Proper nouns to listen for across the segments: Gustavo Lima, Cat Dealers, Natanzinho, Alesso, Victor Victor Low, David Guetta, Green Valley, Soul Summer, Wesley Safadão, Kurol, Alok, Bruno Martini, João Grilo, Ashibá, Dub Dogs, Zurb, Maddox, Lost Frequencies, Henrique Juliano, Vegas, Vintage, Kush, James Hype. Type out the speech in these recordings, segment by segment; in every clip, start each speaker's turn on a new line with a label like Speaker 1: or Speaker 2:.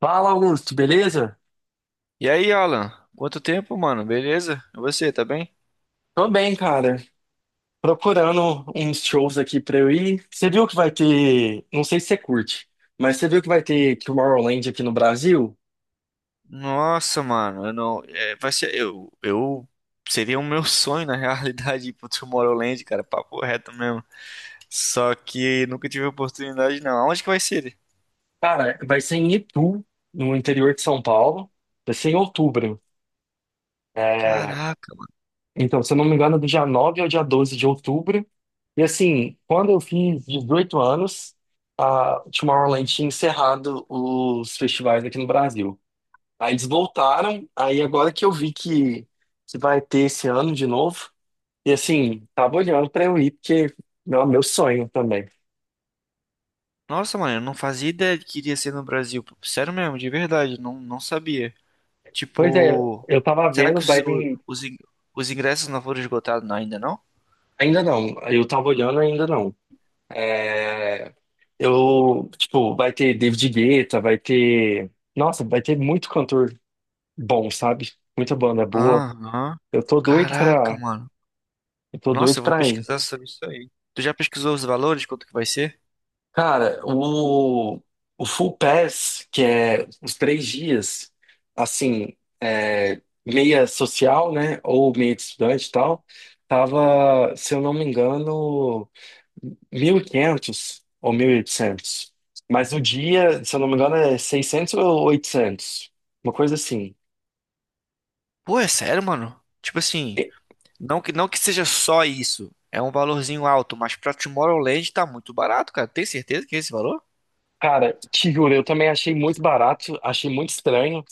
Speaker 1: Fala, Augusto, beleza?
Speaker 2: E aí, Alan? Quanto tempo, mano? Beleza? E você, tá bem?
Speaker 1: Tô bem, cara. Procurando uns shows aqui pra eu ir. Você viu que vai ter. Não sei se você curte, mas você viu que vai ter Tomorrowland aqui no Brasil?
Speaker 2: Nossa, mano, eu não. É, vai ser. Eu. Seria o meu sonho, na realidade, ir pro Tomorrowland, cara. Papo reto mesmo. Só que nunca tive oportunidade, não. Aonde que vai ser?
Speaker 1: Cara, vai ser em Itu, no interior de São Paulo. Vai ser em outubro. É,
Speaker 2: Caraca.
Speaker 1: então, se eu não me engano, é do dia 9 ao dia 12 de outubro. E assim, quando eu fiz 18 anos, a Tomorrowland tinha encerrado os festivais aqui no Brasil. Aí eles voltaram, aí agora que eu vi que vai ter esse ano de novo, e assim, tava olhando pra eu ir, porque meu sonho também.
Speaker 2: Nossa, mano, eu não fazia ideia de que iria ser no Brasil. Sério mesmo, de verdade. Não, não sabia.
Speaker 1: Pois é,
Speaker 2: Tipo.
Speaker 1: eu tava
Speaker 2: Será que
Speaker 1: vendo,
Speaker 2: os,
Speaker 1: vai
Speaker 2: o-
Speaker 1: vir.
Speaker 2: os, in- os ingressos não foram esgotados ainda, não?
Speaker 1: Ainda não, eu tava olhando, ainda não. É, eu, tipo, vai ter David Guetta, vai ter. Nossa, vai ter muito cantor bom, sabe? Muita banda boa.
Speaker 2: Aham.
Speaker 1: Eu tô doido
Speaker 2: Caraca,
Speaker 1: pra.
Speaker 2: mano.
Speaker 1: Eu tô
Speaker 2: Nossa,
Speaker 1: doido
Speaker 2: eu vou
Speaker 1: pra ir.
Speaker 2: pesquisar sobre isso aí. Tu já pesquisou os valores, quanto que vai ser?
Speaker 1: Cara, o Full Pass, que é os 3 dias, assim, é, meia social, né, ou meia de estudante e tal, tava, se eu não me engano, 1.500 ou 1.800. Mas o dia, se eu não me engano, é 600 ou 800, uma coisa assim.
Speaker 2: Pô, é sério, mano? Tipo assim,
Speaker 1: E,
Speaker 2: não que seja só isso. É um valorzinho alto, mas pra Tomorrowland tá muito barato, cara. Tem certeza que é esse valor?
Speaker 1: cara, te juro, eu também achei muito barato, achei muito estranho,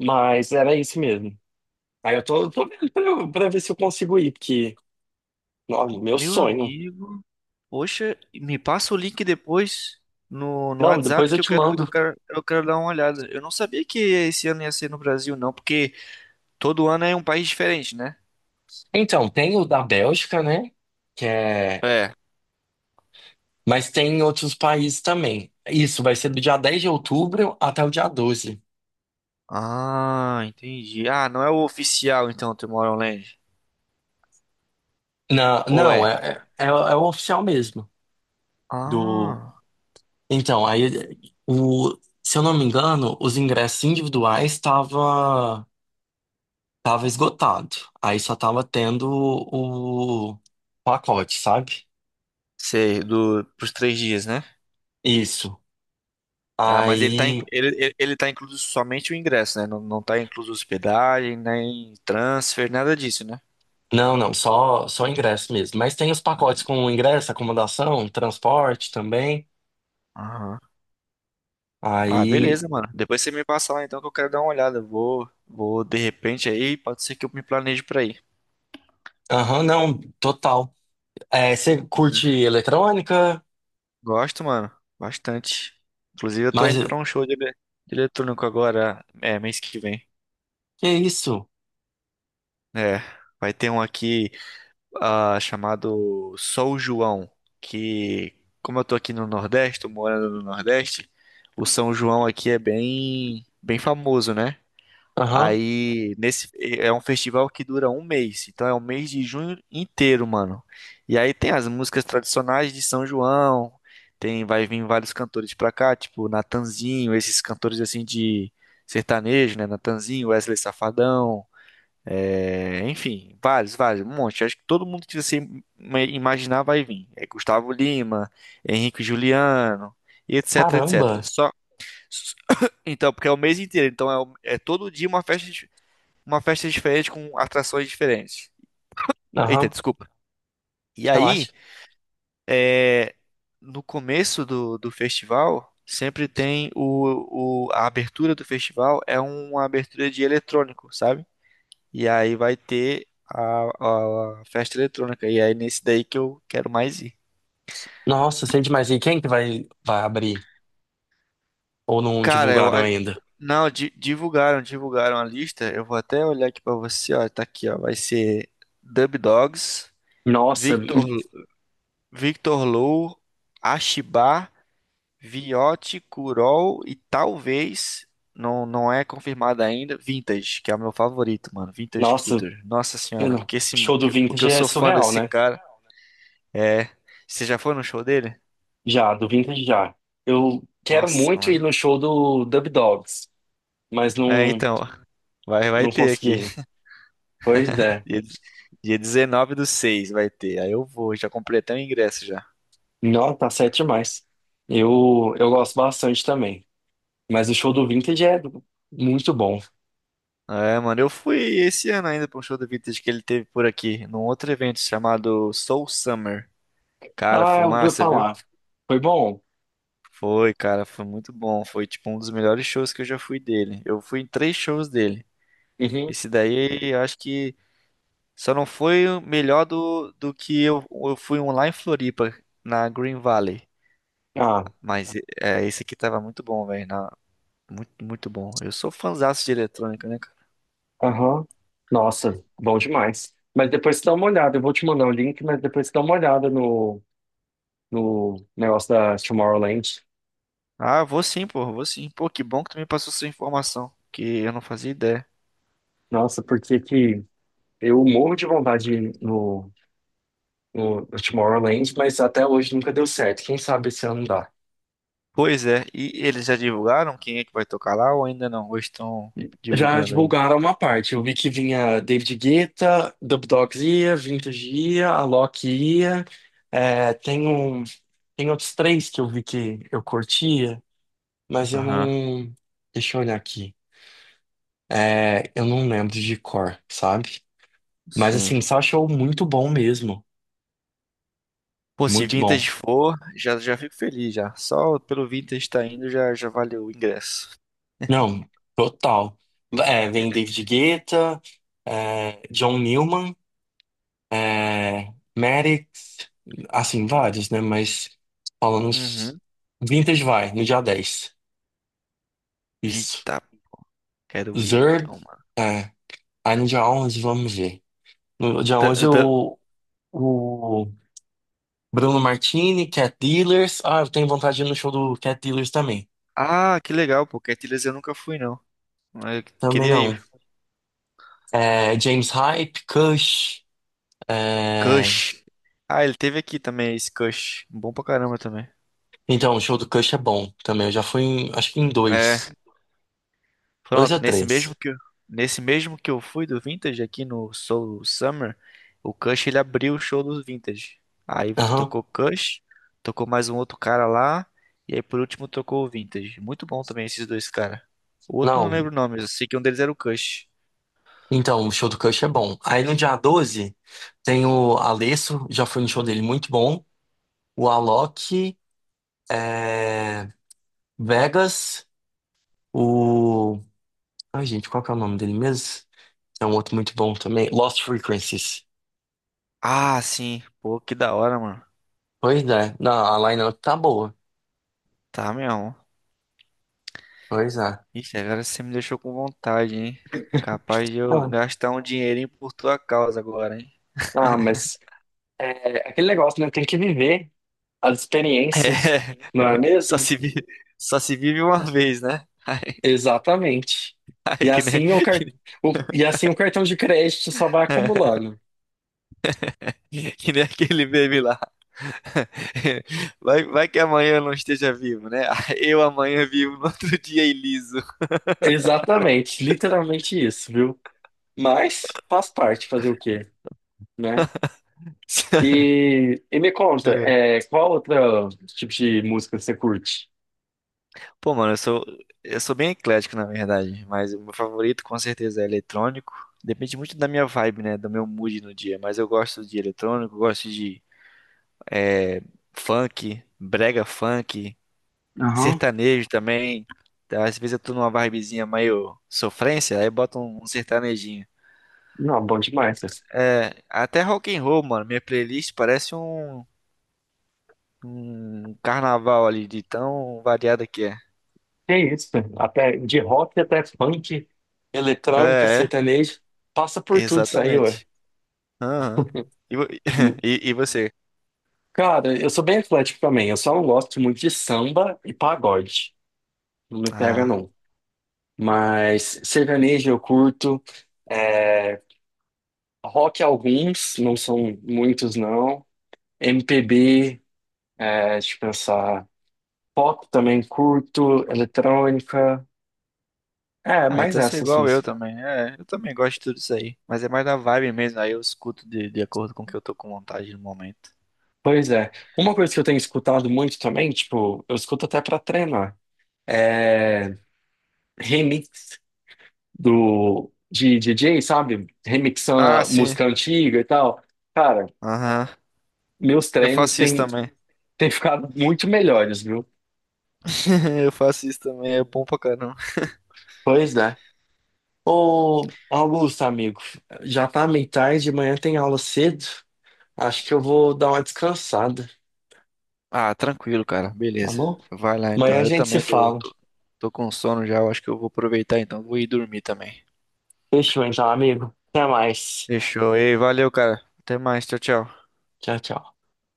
Speaker 1: mas era isso mesmo. Aí eu tô vendo pra, pra ver se eu consigo ir, porque. Nossa, meu
Speaker 2: Meu
Speaker 1: sonho.
Speaker 2: amigo, poxa, me passa o link depois no
Speaker 1: Não, depois
Speaker 2: WhatsApp
Speaker 1: eu
Speaker 2: que eu
Speaker 1: te
Speaker 2: quero, eu
Speaker 1: mando.
Speaker 2: quero, eu quero dar uma olhada. Eu não sabia que esse ano ia ser no Brasil, não, porque todo ano é um país diferente, né?
Speaker 1: Então, tem o da Bélgica, né? Que é...
Speaker 2: É.
Speaker 1: Mas tem em outros países também. Isso vai ser do dia 10 de outubro até o dia 12.
Speaker 2: Ah, entendi. Ah, não é o oficial então, Tomorrowland.
Speaker 1: Não,
Speaker 2: Ou
Speaker 1: não,
Speaker 2: é?
Speaker 1: é o oficial mesmo. Do...
Speaker 2: Ah,
Speaker 1: Então, aí, o... se eu não me engano, os ingressos individuais estava tava esgotado. Aí só tava tendo o pacote, sabe?
Speaker 2: sei, do, pros 3 dias, né?
Speaker 1: Isso.
Speaker 2: Ah, mas ele tá, in-
Speaker 1: Aí.
Speaker 2: ele tá incluso somente o ingresso, né? Não, não tá incluso hospedagem, nem transfer, nada disso, né?
Speaker 1: Não, não, só ingresso mesmo. Mas tem os pacotes com ingresso, acomodação, transporte também.
Speaker 2: Aham. Ah,
Speaker 1: Aí,
Speaker 2: beleza, mano. Depois você me passa lá então que eu quero dar uma olhada. Eu vou de repente aí, pode ser que eu me planeje pra ir.
Speaker 1: aham, não, total. É, você
Speaker 2: Uhum.
Speaker 1: curte eletrônica?
Speaker 2: Gosto, mano, bastante. Inclusive eu tô
Speaker 1: Mas
Speaker 2: indo pra um show de eletrônico agora, mês que vem.
Speaker 1: que isso?
Speaker 2: É, vai ter um aqui. Ah, chamado São João, que como eu tô aqui no Nordeste, tô morando no Nordeste, o São João aqui é bem, bem famoso, né?
Speaker 1: Aham,
Speaker 2: Aí nesse é um festival que dura um mês, então é um mês de junho inteiro, mano. E aí tem as músicas tradicionais de São João, tem vai vir vários cantores pra cá, tipo Natanzinho, esses cantores assim de sertanejo, né? Natanzinho, Wesley Safadão, enfim, vários, vários, um monte. Acho que todo mundo que você imaginar vai vir. É Gustavo Lima, Henrique Juliano, e etc, etc.
Speaker 1: caramba.
Speaker 2: Só s- então, porque é o mês inteiro, então é todo dia uma festa, uma festa diferente com atrações diferentes. Eita,
Speaker 1: Aham,
Speaker 2: desculpa. E aí,
Speaker 1: relaxa.
Speaker 2: é, no começo do festival, sempre tem a abertura do festival é uma abertura de eletrônico, sabe? E aí vai ter a festa eletrônica. E aí nesse daí que eu quero mais ir.
Speaker 1: Nossa, sente mais. E quem que vai abrir? Ou não
Speaker 2: Cara,
Speaker 1: divulgaram ainda?
Speaker 2: não, divulgaram a lista. Eu vou até olhar aqui pra você, ó, tá aqui, ó. Vai ser Dub Dogs,
Speaker 1: Nossa,
Speaker 2: Victor Victor Low, Ashibá, Viotti, Kurol e talvez. Não, não é confirmado ainda. Vintage, que é o meu favorito, mano. Vintage
Speaker 1: nossa,
Speaker 2: Culture. Nossa
Speaker 1: eu
Speaker 2: senhora, o
Speaker 1: não-
Speaker 2: que esse,
Speaker 1: show do
Speaker 2: o que eu
Speaker 1: Vintage é
Speaker 2: sou fã
Speaker 1: surreal,
Speaker 2: desse
Speaker 1: né?
Speaker 2: cara. É. Você já foi no show dele?
Speaker 1: Já, do Vintage já. Eu quero
Speaker 2: Nossa,
Speaker 1: muito ir no
Speaker 2: mano.
Speaker 1: show do Dub Dogs, mas
Speaker 2: É,
Speaker 1: não.
Speaker 2: então, vai
Speaker 1: Não
Speaker 2: ter
Speaker 1: consegui
Speaker 2: aqui.
Speaker 1: ainda. Pois é.
Speaker 2: Dia, dia 19/6 vai ter. Aí eu vou, já comprei até o ingresso já.
Speaker 1: Não, tá certo demais. Eu gosto bastante também. Mas o show do Vintage é muito bom.
Speaker 2: É, mano, eu fui esse ano ainda pra um show do Vintage que ele teve por aqui, num outro evento chamado Soul Summer. Cara,
Speaker 1: Ah,
Speaker 2: foi
Speaker 1: eu ouvi
Speaker 2: massa, viu?
Speaker 1: falar. Foi bom?
Speaker 2: Foi, cara, foi muito bom. Foi, tipo, um dos melhores shows que eu já fui dele. Eu fui em três shows dele.
Speaker 1: Uhum.
Speaker 2: Esse daí, eu acho que só não foi o melhor do que eu fui um lá em Floripa, na Green Valley.
Speaker 1: Ah,
Speaker 2: Mas é, esse aqui tava muito bom, velho. Muito, muito bom. Eu sou fãzaço de eletrônica, né, cara?
Speaker 1: aham. Nossa, bom demais. Mas depois você dá uma olhada. Eu vou te mandar o link, mas depois você dá uma olhada no negócio da Tomorrowland.
Speaker 2: Ah, vou sim. Pô, que bom que tu me passou essa informação, que eu não fazia ideia.
Speaker 1: Nossa, porque que eu morro de vontade de ir no Tomorrowland, mas até hoje nunca deu certo. Quem sabe esse ano dá.
Speaker 2: Pois é, e eles já divulgaram quem é que vai tocar lá ou ainda não? Ou estão
Speaker 1: Já
Speaker 2: divulgando ainda?
Speaker 1: divulgaram uma parte. Eu vi que vinha David Guetta, Dub Dogs ia, Vintage ia, Alok ia. É, tem um, tem outros três que eu vi que eu curtia, mas eu
Speaker 2: Aham,
Speaker 1: não. Deixa eu olhar aqui. É, eu não lembro de cor, sabe? Mas
Speaker 2: sim.
Speaker 1: assim, só show muito bom mesmo.
Speaker 2: Pô, se
Speaker 1: Muito bom.
Speaker 2: Vintage for, já, já fico feliz já. Só pelo Vintage estar indo já, já valeu o ingresso.
Speaker 1: Não, total. É, vem David Guetta, é, John Newman. É, Maddox, assim, vários, né? Mas falando uns
Speaker 2: Uhum.
Speaker 1: Vintage vai, no dia 10. Isso.
Speaker 2: Eita, quero ir
Speaker 1: Zurb,
Speaker 2: então, mano.
Speaker 1: é. Aí no dia 11, vamos ver. No dia 11
Speaker 2: Tá- tá-
Speaker 1: o Bruno Martini, Cat Dealers. Ah, eu tenho vontade de ir no show do Cat Dealers também.
Speaker 2: Ah, que legal, pô, Cat eu nunca fui não. Mas eu
Speaker 1: Também
Speaker 2: queria
Speaker 1: não.
Speaker 2: ir.
Speaker 1: É, James Hype, Kush. É,
Speaker 2: Kush. Ah, ele teve aqui também esse Kush. Bom pra caramba também.
Speaker 1: então, o show do Kush é bom também. Eu já fui, acho que em
Speaker 2: É,
Speaker 1: dois. Dois ou
Speaker 2: pronto, nesse mesmo
Speaker 1: três.
Speaker 2: que eu, nesse mesmo que eu fui do Vintage aqui no Soul Summer, o Kush ele abriu o show do Vintage. Aí
Speaker 1: Aham.
Speaker 2: tocou Kush, tocou mais um outro cara lá, e aí por último tocou o Vintage. Muito bom também esses dois caras. O outro eu não
Speaker 1: Não.
Speaker 2: lembro o nome, eu sei que um deles era o Kush.
Speaker 1: Então, o show do Kush é bom. Aí no dia 12 tem o Alesso, já fui no show dele, muito bom. O Alok, é, Vegas, o. Ai, gente, qual que é o nome dele mesmo? É um outro muito bom também. Lost Frequencies.
Speaker 2: Ah, sim. Pô, que da hora, mano.
Speaker 1: Pois é. Não, a line-up tá boa.
Speaker 2: Tá mesmo.
Speaker 1: Pois é.
Speaker 2: Ixi, agora você me deixou com vontade, hein? Capaz de eu
Speaker 1: Ah,
Speaker 2: gastar um dinheirinho por tua causa agora, hein?
Speaker 1: ah, mas é aquele negócio, né? Tem que viver as experiências,
Speaker 2: É,
Speaker 1: não é mesmo?
Speaker 2: só se vive uma vez, né? Ai,
Speaker 1: Exatamente. E
Speaker 2: que nem,
Speaker 1: assim o, car...
Speaker 2: que nem,
Speaker 1: E assim o cartão de crédito só vai acumulando.
Speaker 2: que nem aquele meme lá. Vai que amanhã eu não esteja vivo, né? Eu amanhã vivo, no outro dia é liso.
Speaker 1: Exatamente, literalmente isso, viu? Mas faz parte fazer o quê, né? E me conta, é, qual outro tipo de música você curte?
Speaker 2: Pô, mano, eu sou bem eclético, na verdade, mas o meu favorito com certeza é eletrônico. Depende muito da minha vibe, né? Do meu mood no dia, mas eu gosto de eletrônico, gosto de eh, funk, brega funk,
Speaker 1: Aham.
Speaker 2: sertanejo também. Tá, às vezes eu tô numa vibezinha meio sofrência, aí bota um sertanejinho.
Speaker 1: Não, bom demais. César.
Speaker 2: É, até rock and roll, mano, minha playlist parece um carnaval ali, de tão variada que é.
Speaker 1: Que isso, cara? Até de rock até funk, eletrônica,
Speaker 2: É,
Speaker 1: sertanejo, passa por tudo isso aí, ué.
Speaker 2: exatamente. Aham. E, vo-
Speaker 1: Hum,
Speaker 2: e você?
Speaker 1: Cara, eu sou bem eclético também, eu só não gosto muito de samba e pagode. Não me pega,
Speaker 2: Ah.
Speaker 1: não. Mas sertanejo eu curto, é, rock alguns, não são muitos não. MPB, é, deixa eu pensar. Pop também curto, eletrônica. É,
Speaker 2: Ah,
Speaker 1: mais
Speaker 2: então você é
Speaker 1: essas
Speaker 2: igual
Speaker 1: mesmo.
Speaker 2: eu também. É, eu também gosto de tudo isso aí. Mas é mais da vibe mesmo, aí eu escuto de acordo com o que eu tô com vontade no momento.
Speaker 1: Pois é. Uma coisa que eu tenho escutado muito também, tipo, eu escuto até pra treinar, é remix do de DJ, sabe? Remixando
Speaker 2: Ah,
Speaker 1: a
Speaker 2: sim.
Speaker 1: música antiga e tal. Cara,
Speaker 2: Aham.
Speaker 1: meus
Speaker 2: Eu
Speaker 1: treinos
Speaker 2: faço isso
Speaker 1: têm,
Speaker 2: também.
Speaker 1: têm ficado muito melhores, viu?
Speaker 2: Eu faço isso também, é bom pra caramba.
Speaker 1: Pois é. Ô, Augusto, amigo, já tá meio tarde, amanhã tem aula cedo. Acho que eu vou dar uma descansada,
Speaker 2: Ah, tranquilo, cara.
Speaker 1: tá
Speaker 2: Beleza.
Speaker 1: bom?
Speaker 2: Vai lá
Speaker 1: Amanhã
Speaker 2: então.
Speaker 1: a
Speaker 2: Eu
Speaker 1: gente se
Speaker 2: também tô,
Speaker 1: fala.
Speaker 2: tô, tô com sono já. Eu acho que eu vou aproveitar então. Vou ir dormir também.
Speaker 1: Fechou então, amigo. Até mais.
Speaker 2: Fechou. Ei, valeu, cara. Até mais. Tchau, tchau.
Speaker 1: Tchau, tchau.